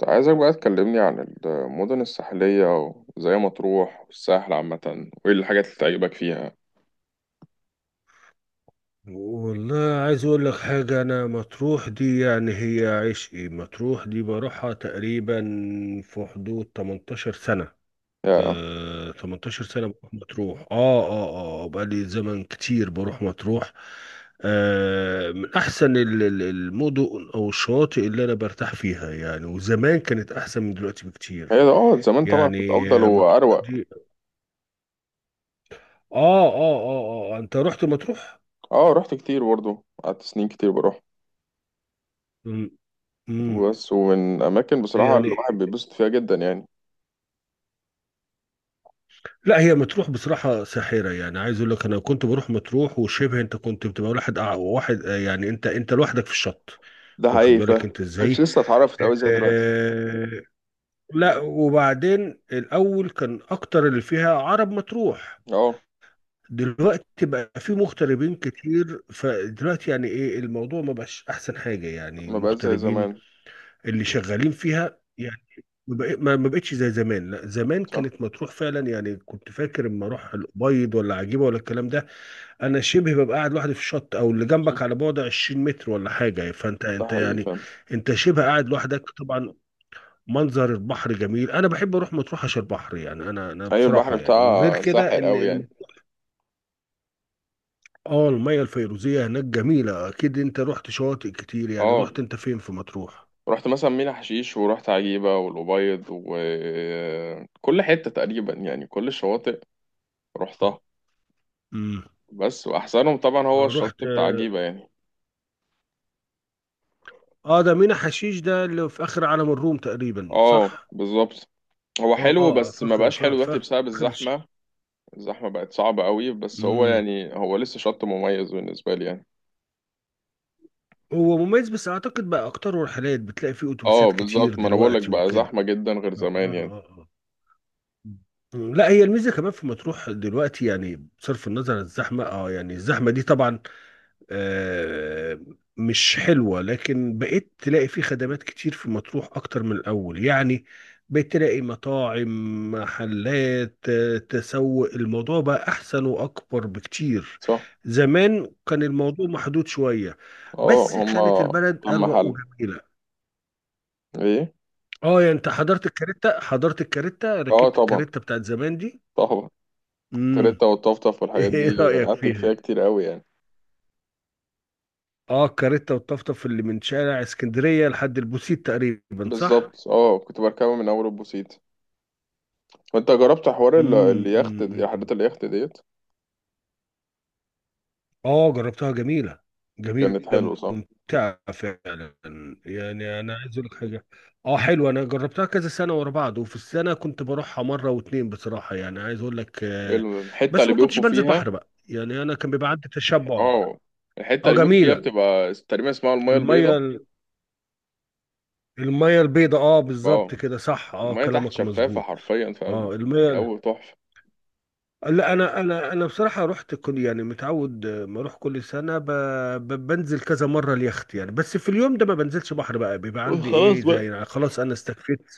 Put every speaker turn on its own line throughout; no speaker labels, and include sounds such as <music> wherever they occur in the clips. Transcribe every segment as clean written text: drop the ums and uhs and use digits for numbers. كنت عايزك بقى تكلمني عن المدن الساحلية، وزي مطروح والساحل عامة، وإيه الحاجات اللي تعجبك فيها؟
والله، عايز اقول لك حاجة. انا مطروح دي، يعني هي عشقي. مطروح دي بروحها تقريبا في حدود 18 سنة.
يا.
18 سنة بروح مطروح. اه اه بقالي زمن كتير بروح مطروح. من احسن المدن او الشواطئ اللي انا برتاح فيها يعني، وزمان كانت احسن من دلوقتي
هي
بكتير.
ده زمان طبعا كنت
يعني
أفضل
مطروح
وأروق.
دي. اه انت رحت مطروح؟
اه، رحت كتير برضه، قعدت سنين كتير بروح
امم،
بس. ومن أماكن بصراحة اللي
يعني
الواحد بيتبسط فيها جدا يعني.
لا، هي مطروح بصراحة ساحرة، يعني عايز اقول لك انا كنت بروح مطروح، وشبه انت كنت بتبقى واحد واحد، يعني انت لوحدك في الشط.
ده
واخد
حقيقي
بالك انت
مش
ازاي؟
لسه اتعرفت أوي زي دلوقتي.
آه لا، وبعدين الاول كان اكتر اللي فيها عرب مطروح،
اه،
دلوقتي بقى في مغتربين كتير، فدلوقتي يعني ايه الموضوع، ما بقاش احسن حاجة يعني
ما بقت زي
المغتربين
زمان.
اللي شغالين فيها يعني. ما بق- ما- ما بقتش زي زمان. لا، زمان
صح.
كانت مطروح فعلا، يعني كنت فاكر اما اروح الابيض ولا عجيبه ولا الكلام ده. انا شبه ببقى قاعد لوحدي في الشط، او اللي جنبك
صح،
على بعد 20 متر ولا حاجه، فانت
ده
انت
حقيقي
يعني
فاهم.
انت شبه قاعد لوحدك طبعا. منظر البحر جميل، انا بحب اروح مطروح عشان البحر، يعني انا
أيوة، البحر
بصراحه يعني، وغير
بتاعها
كده
ساحر
ان
أوي يعني.
اه، الميه الفيروزيه هناك جميله. اكيد انت رحت شواطئ كتير، يعني
اه،
رحت انت فين في مطروح؟
رحت مثلا مينا حشيش ورحت عجيبة والأبيض وكل حتة تقريبا يعني كل الشواطئ رحتها
امم،
بس. وأحسنهم طبعا هو
رحت.
الشط بتاع عجيبة يعني.
اه، ده مينا حشيش ده اللي في اخر عالم الروم تقريبا،
اه،
صح؟
بالظبط. هو
اه
حلو
اه،
بس ما
فخر
بقاش حلو
فخر.
دلوقتي بسبب الزحمة. الزحمة بقت صعبة قوي، بس هو
امم،
يعني هو لسه شط مميز بالنسبة لي يعني.
هو مميز، بس اعتقد بقى اكتر رحلات بتلاقي فيه
اه
اتوبيسات كتير
بالظبط، ما انا بقولك
دلوقتي
بقى
وكده.
زحمة جدا غير
اه
زمان يعني.
اه اه آه. لا، هي الميزه كمان في مطروح دلوقتي، يعني بصرف النظر عن الزحمه، اه يعني الزحمه دي طبعا آه، مش حلوة، لكن بقيت تلاقي في خدمات كتير في مطروح أكتر من الأول يعني. بقيت تلاقي مطاعم، محلات، تسوق، الموضوع بقى أحسن وأكبر بكتير.
صح.
زمان كان الموضوع محدود شوية،
اه.
بس كانت
هما
البلد
كام
أروق
محل
وجميلة.
ايه؟
اه يعني انت حضرت الكاريتا،
اه،
ركبت
طبعا،
الكاريتا بتاعت زمان دي.
طبعا.
امم.
تريتا والطفطف
<laughs>
والحاجات
ايه
دي.
رأيك
قعدت فيها
فيها؟
كتير قوي يعني.
اه الكاريتا والطفطف اللي من شارع اسكندرية لحد البوسيت تقريبا، صح؟
بالظبط، اه، كنت بركبه من اول البوسيت. وانت جربت حوار
امم، أمم، أمم.
رحلات اليخت ديت؟
اه جربتها، جميله، جميله،
كانت حلوه، صح؟
ممتعه فعلا. يعني انا عايز اقول لك حاجه، اه حلوه، انا جربتها كذا سنه ورا بعض، وفي السنه كنت بروحها مره واتنين، بصراحه يعني عايز اقول لك.
الحته
بس
اللي
ما كنتش
بيقفوا
بنزل
فيها.
بحر بقى، يعني انا كان بيبقى عندي تشبع.
اه، الحته
اه،
اللي بيقفوا فيها
جميله
بتبقى تقريبا اسمها المايه البيضاء.
الميه، الميه البيضاء، اه بالظبط
اه،
كده صح، اه
المايه تحت
كلامك
شفافه
مظبوط.
حرفيا، فاهم.
اه الميه.
جو تحفه.
لا، انا بصراحه رحت كل، يعني متعود، ما اروح كل سنه بنزل كذا مره اليخت يعني، بس في اليوم ده ما بنزلش بحر بقى، بيبقى عندي
خلاص
ايه زي،
بقى.
يعني خلاص انا استكفيت.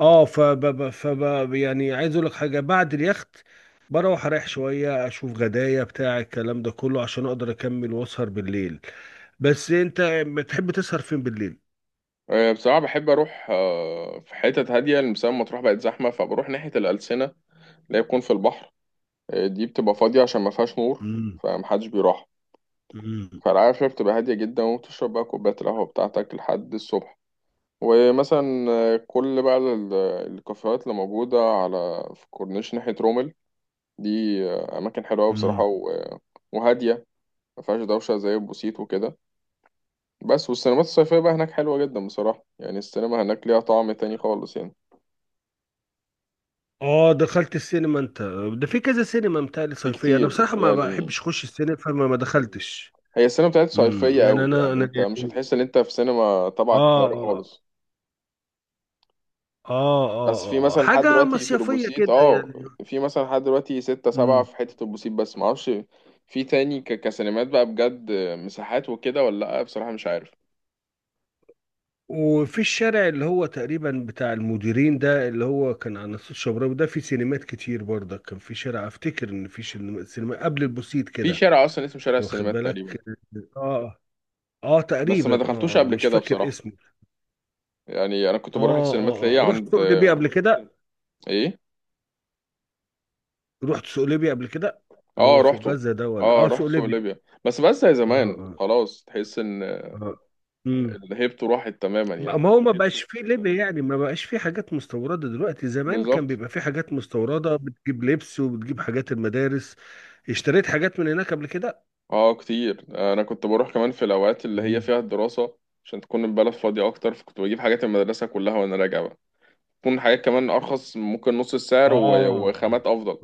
اه يعني عايز اقول لك حاجه، بعد اليخت بروح اريح شويه، اشوف غدايا بتاع الكلام ده كله، عشان اقدر اكمل واسهر بالليل. بس انت بتحب تسهر فين بالليل؟
بصراحه بحب اروح في حتت هاديه، لسبب مطروح بقت زحمه، فبروح ناحيه الالسنه، اللي هي بتكون في البحر. دي بتبقى فاضيه عشان ما فيهاش نور.
امم،
فمحدش بيروح. فالقعدة فيها بتبقى هادية جدا وبتشرب بقى كوباية القهوة بتاعتك لحد الصبح. ومثلا كل بقى الكافيهات اللي موجودة على في كورنيش ناحية رومل دي، أماكن حلوة أوي بصراحة
امم.
وهادية. ما فيهاش دوشة زي البوسيت وكده. بس والسينمات الصيفية بقى هناك حلوة جدا بصراحة، يعني السينما هناك ليها طعم تاني خالص يعني.
اه دخلت السينما انت؟ ده في كذا سينما متهيألي
في
صيفية، انا
كتير
بصراحة ما
يعني.
بحبش اخش السينما، فما ما دخلتش.
هي السينما بتاعت
امم،
صيفية
يعني
أوي،
انا
يعني
انا
أنت مش
يعني
هتحس إن أنت في سينما تبع
اه
القاهرة
اه
خالص.
اه اه
بس في
آه.
مثلا لحد
حاجة
دلوقتي في
مصيفية
البوسيت
كده يعني.
في مثلا لحد دلوقتي ستة سبعة
امم.
في حتة البوسيت، بس معرفش في تاني كسينمات بقى بجد، مساحات وكده، ولا لأ، بصراحة مش عارف.
وفي الشارع اللي هو تقريبا بتاع المديرين ده، اللي هو كان على ناصية الشبراوي ده، في سينمات كتير برضك. كان في شارع، افتكر ان في سينما قبل البوسيت
في
كده،
شارع أصلا اسمه شارع
واخد
السينمات تقريبا.
بالك. اه اه
بس ما
تقريبا،
دخلتوش
اه اه،
قبل
مش
كده
فاكر
بصراحة.
اسمه.
يعني أنا كنت بروح السينمات ليا
اه رحت
عند.
سوق ليبيا قبل كده؟
إيه؟
رحت سوق ليبيا قبل كده، اللي
اه،
هو سوق
روحته.
غزة ده، ولا
اه،
اه سوق
رحت سوق
ليبيا؟
ليبيا. بس زي
اه
زمان
اه
خلاص، تحس إن
اه امم.
الهيبت راحت تماما يعني.
ما هو ما بقاش فيه ليبيا يعني، ما بقاش فيه حاجات مستوردة دلوقتي. زمان كان
بالظبط.
بيبقى فيه حاجات مستوردة، بتجيب لبس وبتجيب حاجات المدارس. اشتريت حاجات من هناك قبل كده؟
اه كتير، انا كنت بروح كمان في الاوقات اللي هي
مم.
فيها الدراسه، عشان تكون البلد فاضيه اكتر، فكنت بجيب حاجات المدرسه كلها وانا راجع بقى. تكون حاجات كمان ارخص، ممكن نص السعر
اه
وخامات افضل.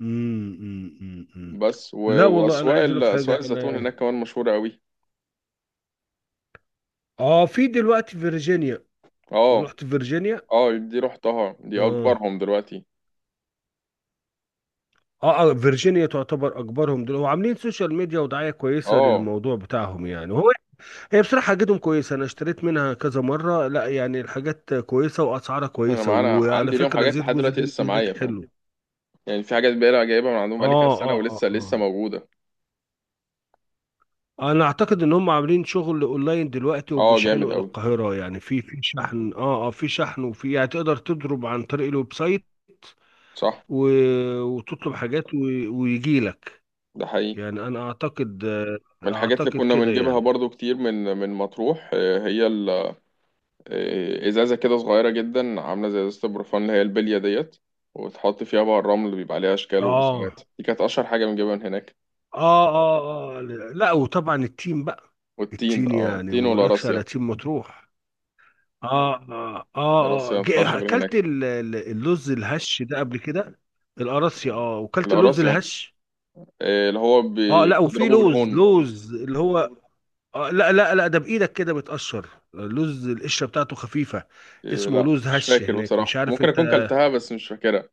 امم، امم، امم، أمم.
بس
لا والله، انا
واسواق
عايز اقول لك حاجة،
اسواق الزيتون
انا
هناك كمان مشهوره قوي.
اه في دلوقتي فيرجينيا.
اه،
رحت فيرجينيا؟
اه، دي رحتها، دي
اه
اكبرهم دلوقتي.
اه فيرجينيا تعتبر اكبرهم دول، هو عاملين سوشيال ميديا ودعايه كويسه
اه،
للموضوع بتاعهم يعني. وهو، هي بصراحه حاجتهم كويسه، انا اشتريت منها كذا مره، لا يعني الحاجات كويسه واسعارها
انا
كويسه،
معانا
وعلى
عندي ليهم
فكره
حاجات
زيت
لحد
جوز
دلوقتي
الهند
لسه
هناك
معايا، فاهم.
حلو.
يعني في حاجات بقى جايبها من عندهم بقالي كذا
اه
سنه
اه اه
ولسه لسه
اه
موجوده.
انا اعتقد ان هم عاملين شغل اونلاين دلوقتي،
اه، جامد
وبيشحنوا الى
قوي.
القاهره يعني. في شحن، في شحن، وفي يعني تقدر تضرب عن طريق الويب سايت،
صح،
و... وتطلب حاجات، و... ويجي لك.
ده حقيقي.
يعني انا اعتقد،
من الحاجات اللي
اعتقد
كنا
كده
بنجيبها
يعني.
برضو كتير من مطروح، هي ازازه كده صغيره جدا، عامله زي ازازه البروفان اللي هي البليه ديت، وتحط فيها بقى الرمل اللي بيبقى عليها اشكال
اه
ورسومات، دي كانت اشهر حاجه بنجيبها من هناك.
اه اه اه لا وطبعا التيم بقى،
والتين
التيم،
اه
يعني
التين
ما اقولكش على
والقراصية.
تيم مطروح.
القراصية
اه
ما بتطلعش غير
اكلت
هناك.
اللوز الهش ده قبل كده؟ القراصي، اه، وكلت اللوز
القراصية،
الهش.
اللي هو
اه، لا، وفي
بتضربه
لوز،
بالهون.
اللي هو، آه، لا لا لا، ده بايدك كده بتقشر، لوز القشره بتاعته خفيفه، اسمه
لا،
لوز
مش
هش
فاكر
هناك، مش
بصراحه،
عارف
ممكن اكون
انت.
كلتها بس مش فاكرها.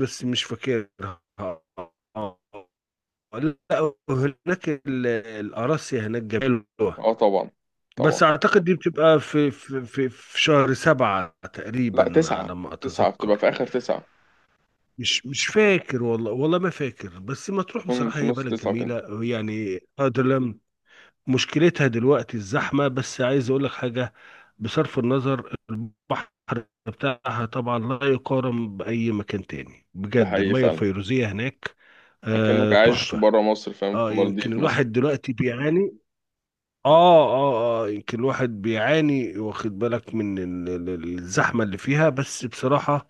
بس مش فاكرها اه، آه، لا هناك القراصي هناك جميل.
اه، طبعا،
بس
طبعا.
اعتقد دي بتبقى في شهر سبعة
لا،
تقريبا
تسعه
على ما
تسعه بتبقى
اتذكر.
في اخر تسعه.
مش مش فاكر والله، والله ما فاكر، بس مطروح
تكون
بصراحة
في
هي
نص
بلد
تسعه كده.
جميلة يعني أدلم. مشكلتها دلوقتي الزحمة، بس عايز اقول لك حاجة، بصرف النظر البحر بتاعها طبعا لا يقارن بأي مكان تاني
ده
بجد،
حقيقي
المية
فعلا.
الفيروزية هناك
اكنك عايش
تحفة.
برا مصر، فاهم، في
اه، يمكن
المالديف مثلا.
الواحد دلوقتي بيعاني، اه يمكن الواحد بيعاني، واخد بالك، من الزحمة اللي فيها، بس بصراحة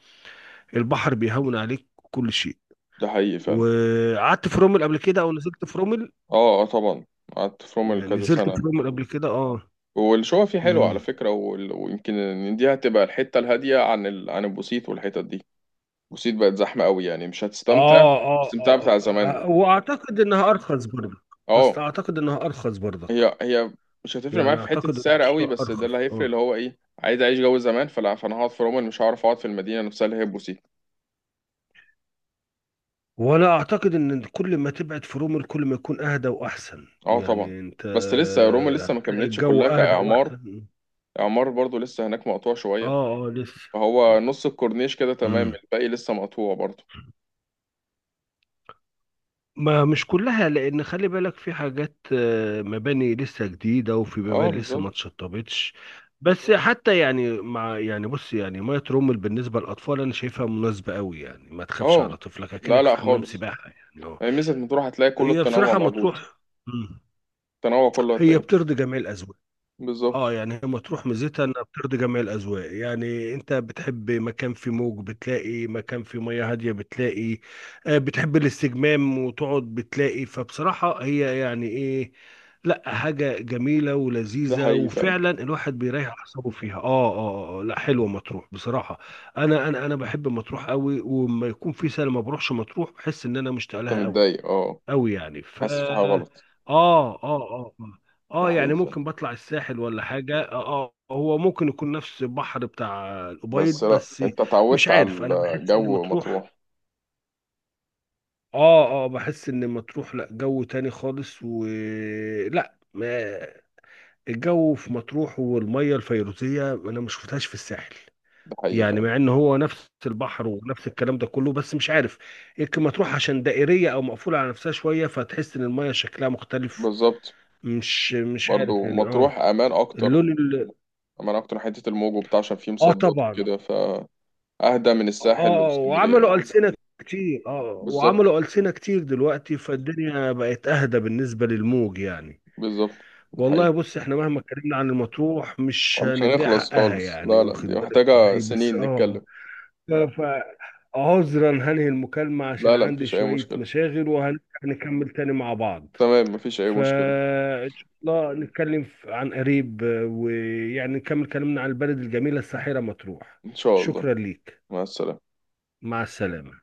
البحر بيهون عليك كل شيء.
ده حقيقي فعلا.
وقعدت في رومل قبل كده، او نزلت في رومل؟
اه، اه، طبعا. قعدت في رومل
يعني
كذا
نزلت في
سنة.
رومل قبل كده اه.
والشقة فيه حلوة على
امم.
فكرة، ويمكن إن دي هتبقى الحتة الهادية عن البوسيت والحتت دي. البوسيت بقت زحمة قوي، يعني مش هتستمتع
اه اه
الاستمتاع
اه
بتاع زمان.
آه. واعتقد انها ارخص برضك،
اه،
اصل اعتقد انها ارخص برضك،
هي مش هتفرق معاك
يعني
في حتة
اعتقد ان
السعر قوي،
الشقة
بس ده
ارخص
اللي هيفرق، اللي
اه،
هو ايه، عايز اعيش جو زمان، فانا هقعد في رومل، مش هعرف اقعد في المدينة نفسها اللي هي البوسيت.
وانا اعتقد ان كل ما تبعد في رومل كل ما يكون اهدى واحسن
اه، طبعا.
يعني انت،
بس لسه روما لسه ما
هتلاقي
كملتش كلها
الجو اهدى
كإعمار.
واحسن.
إعمار برضو لسه هناك مقطوع شوية.
اه لسه.
هو نص الكورنيش كده تمام،
امم.
الباقي لسه مقطوع برضه.
ما مش كلها، لان خلي بالك في حاجات، مباني لسه جديده، وفي
اه،
مباني لسه
بالظبط.
ما اتشطبتش. بس حتى يعني، مع يعني، بص يعني، ميه رومل بالنسبه للاطفال انا شايفها مناسبه قوي يعني، ما تخافش
اه،
على طفلك
لا،
اكنك
لا
في حمام
خالص.
سباحه يعني اه.
يعني ميزة مطروح هتلاقي كل
هي
التنوع
بصراحه
موجود.
مطروح، مم،
التنوع كله
هي
هتلاقيه.
بترضي جميع الاذواق.
بالظبط.
اه يعني هي مطروح ميزتها انها بترضي جميع الاذواق، يعني انت بتحب مكان فيه موج بتلاقي، مكان فيه مياه هاديه بتلاقي، بتحب الاستجمام وتقعد بتلاقي. فبصراحه هي يعني ايه، لا حاجه جميله
ده
ولذيذه،
حقيقي فعلا.
وفعلا الواحد بيريح اعصابه فيها اه. اه لا حلوه مطروح بصراحه. انا بحب مطروح قوي، ولما يكون في سنه ما بروحش مطروح بحس ان انا مشتاق
انت
لها قوي
متضايق، اه؟
قوي، يعني ف
حاسس في حاجة غلط؟
اه اه اه
ده حقيقي
يعني
فعلا.
ممكن بطلع الساحل ولا حاجة اه، هو ممكن يكون نفس البحر بتاع الأبيض
بس لا،
بس
انت
مش
اتعودت على
عارف، انا بحس ان
الجو
مطروح،
مطروح.
اه بحس ان مطروح لا، جو تاني خالص. و، لا ما، الجو في مطروح والمية الفيروزية انا ما شفتهاش في الساحل،
ده حقيقي
يعني مع
فعلا.
ان هو نفس البحر ونفس الكلام ده كله، بس مش عارف، يمكن مطروح عشان دائرية او مقفولة على نفسها شوية فتحس ان المية شكلها مختلف.
بالظبط.
مش مش عارف
برضو
يعني اه.
مطروح امان اكتر.
اللون ال...
امان اكتر حتة الموج وبتاع، عشان فيه
اه
مصدات
طبعا،
وكده فاهدى من الساحل
اه
واسكندرية
وعملوا
يعني.
ألسنة كتير،
بالظبط.
دلوقتي فالدنيا بقت أهدى بالنسبة للموج يعني.
بالظبط. ده
والله
حقيقي.
بص، احنا مهما اتكلمنا عن المطروح مش
مش
هنديها
هنخلص
حقها،
خالص،
يعني
لا، لا، دي
واخد بالك
محتاجة
ازاي، بس
سنين
اه.
نتكلم.
ف- فعذرا هنهي المكالمة عشان
لا، لا،
عندي
مفيش أي
شوية
مشكلة.
مشاغل، وهنكمل تاني مع بعض.
تمام، مفيش أي مشكلة.
فإن شاء الله نتكلم عن قريب، ويعني نكمل كلامنا عن البلد الجميلة الساحرة مطروح.
إن شاء الله.
شكرا ليك.
مع السلامة.
مع السلامة.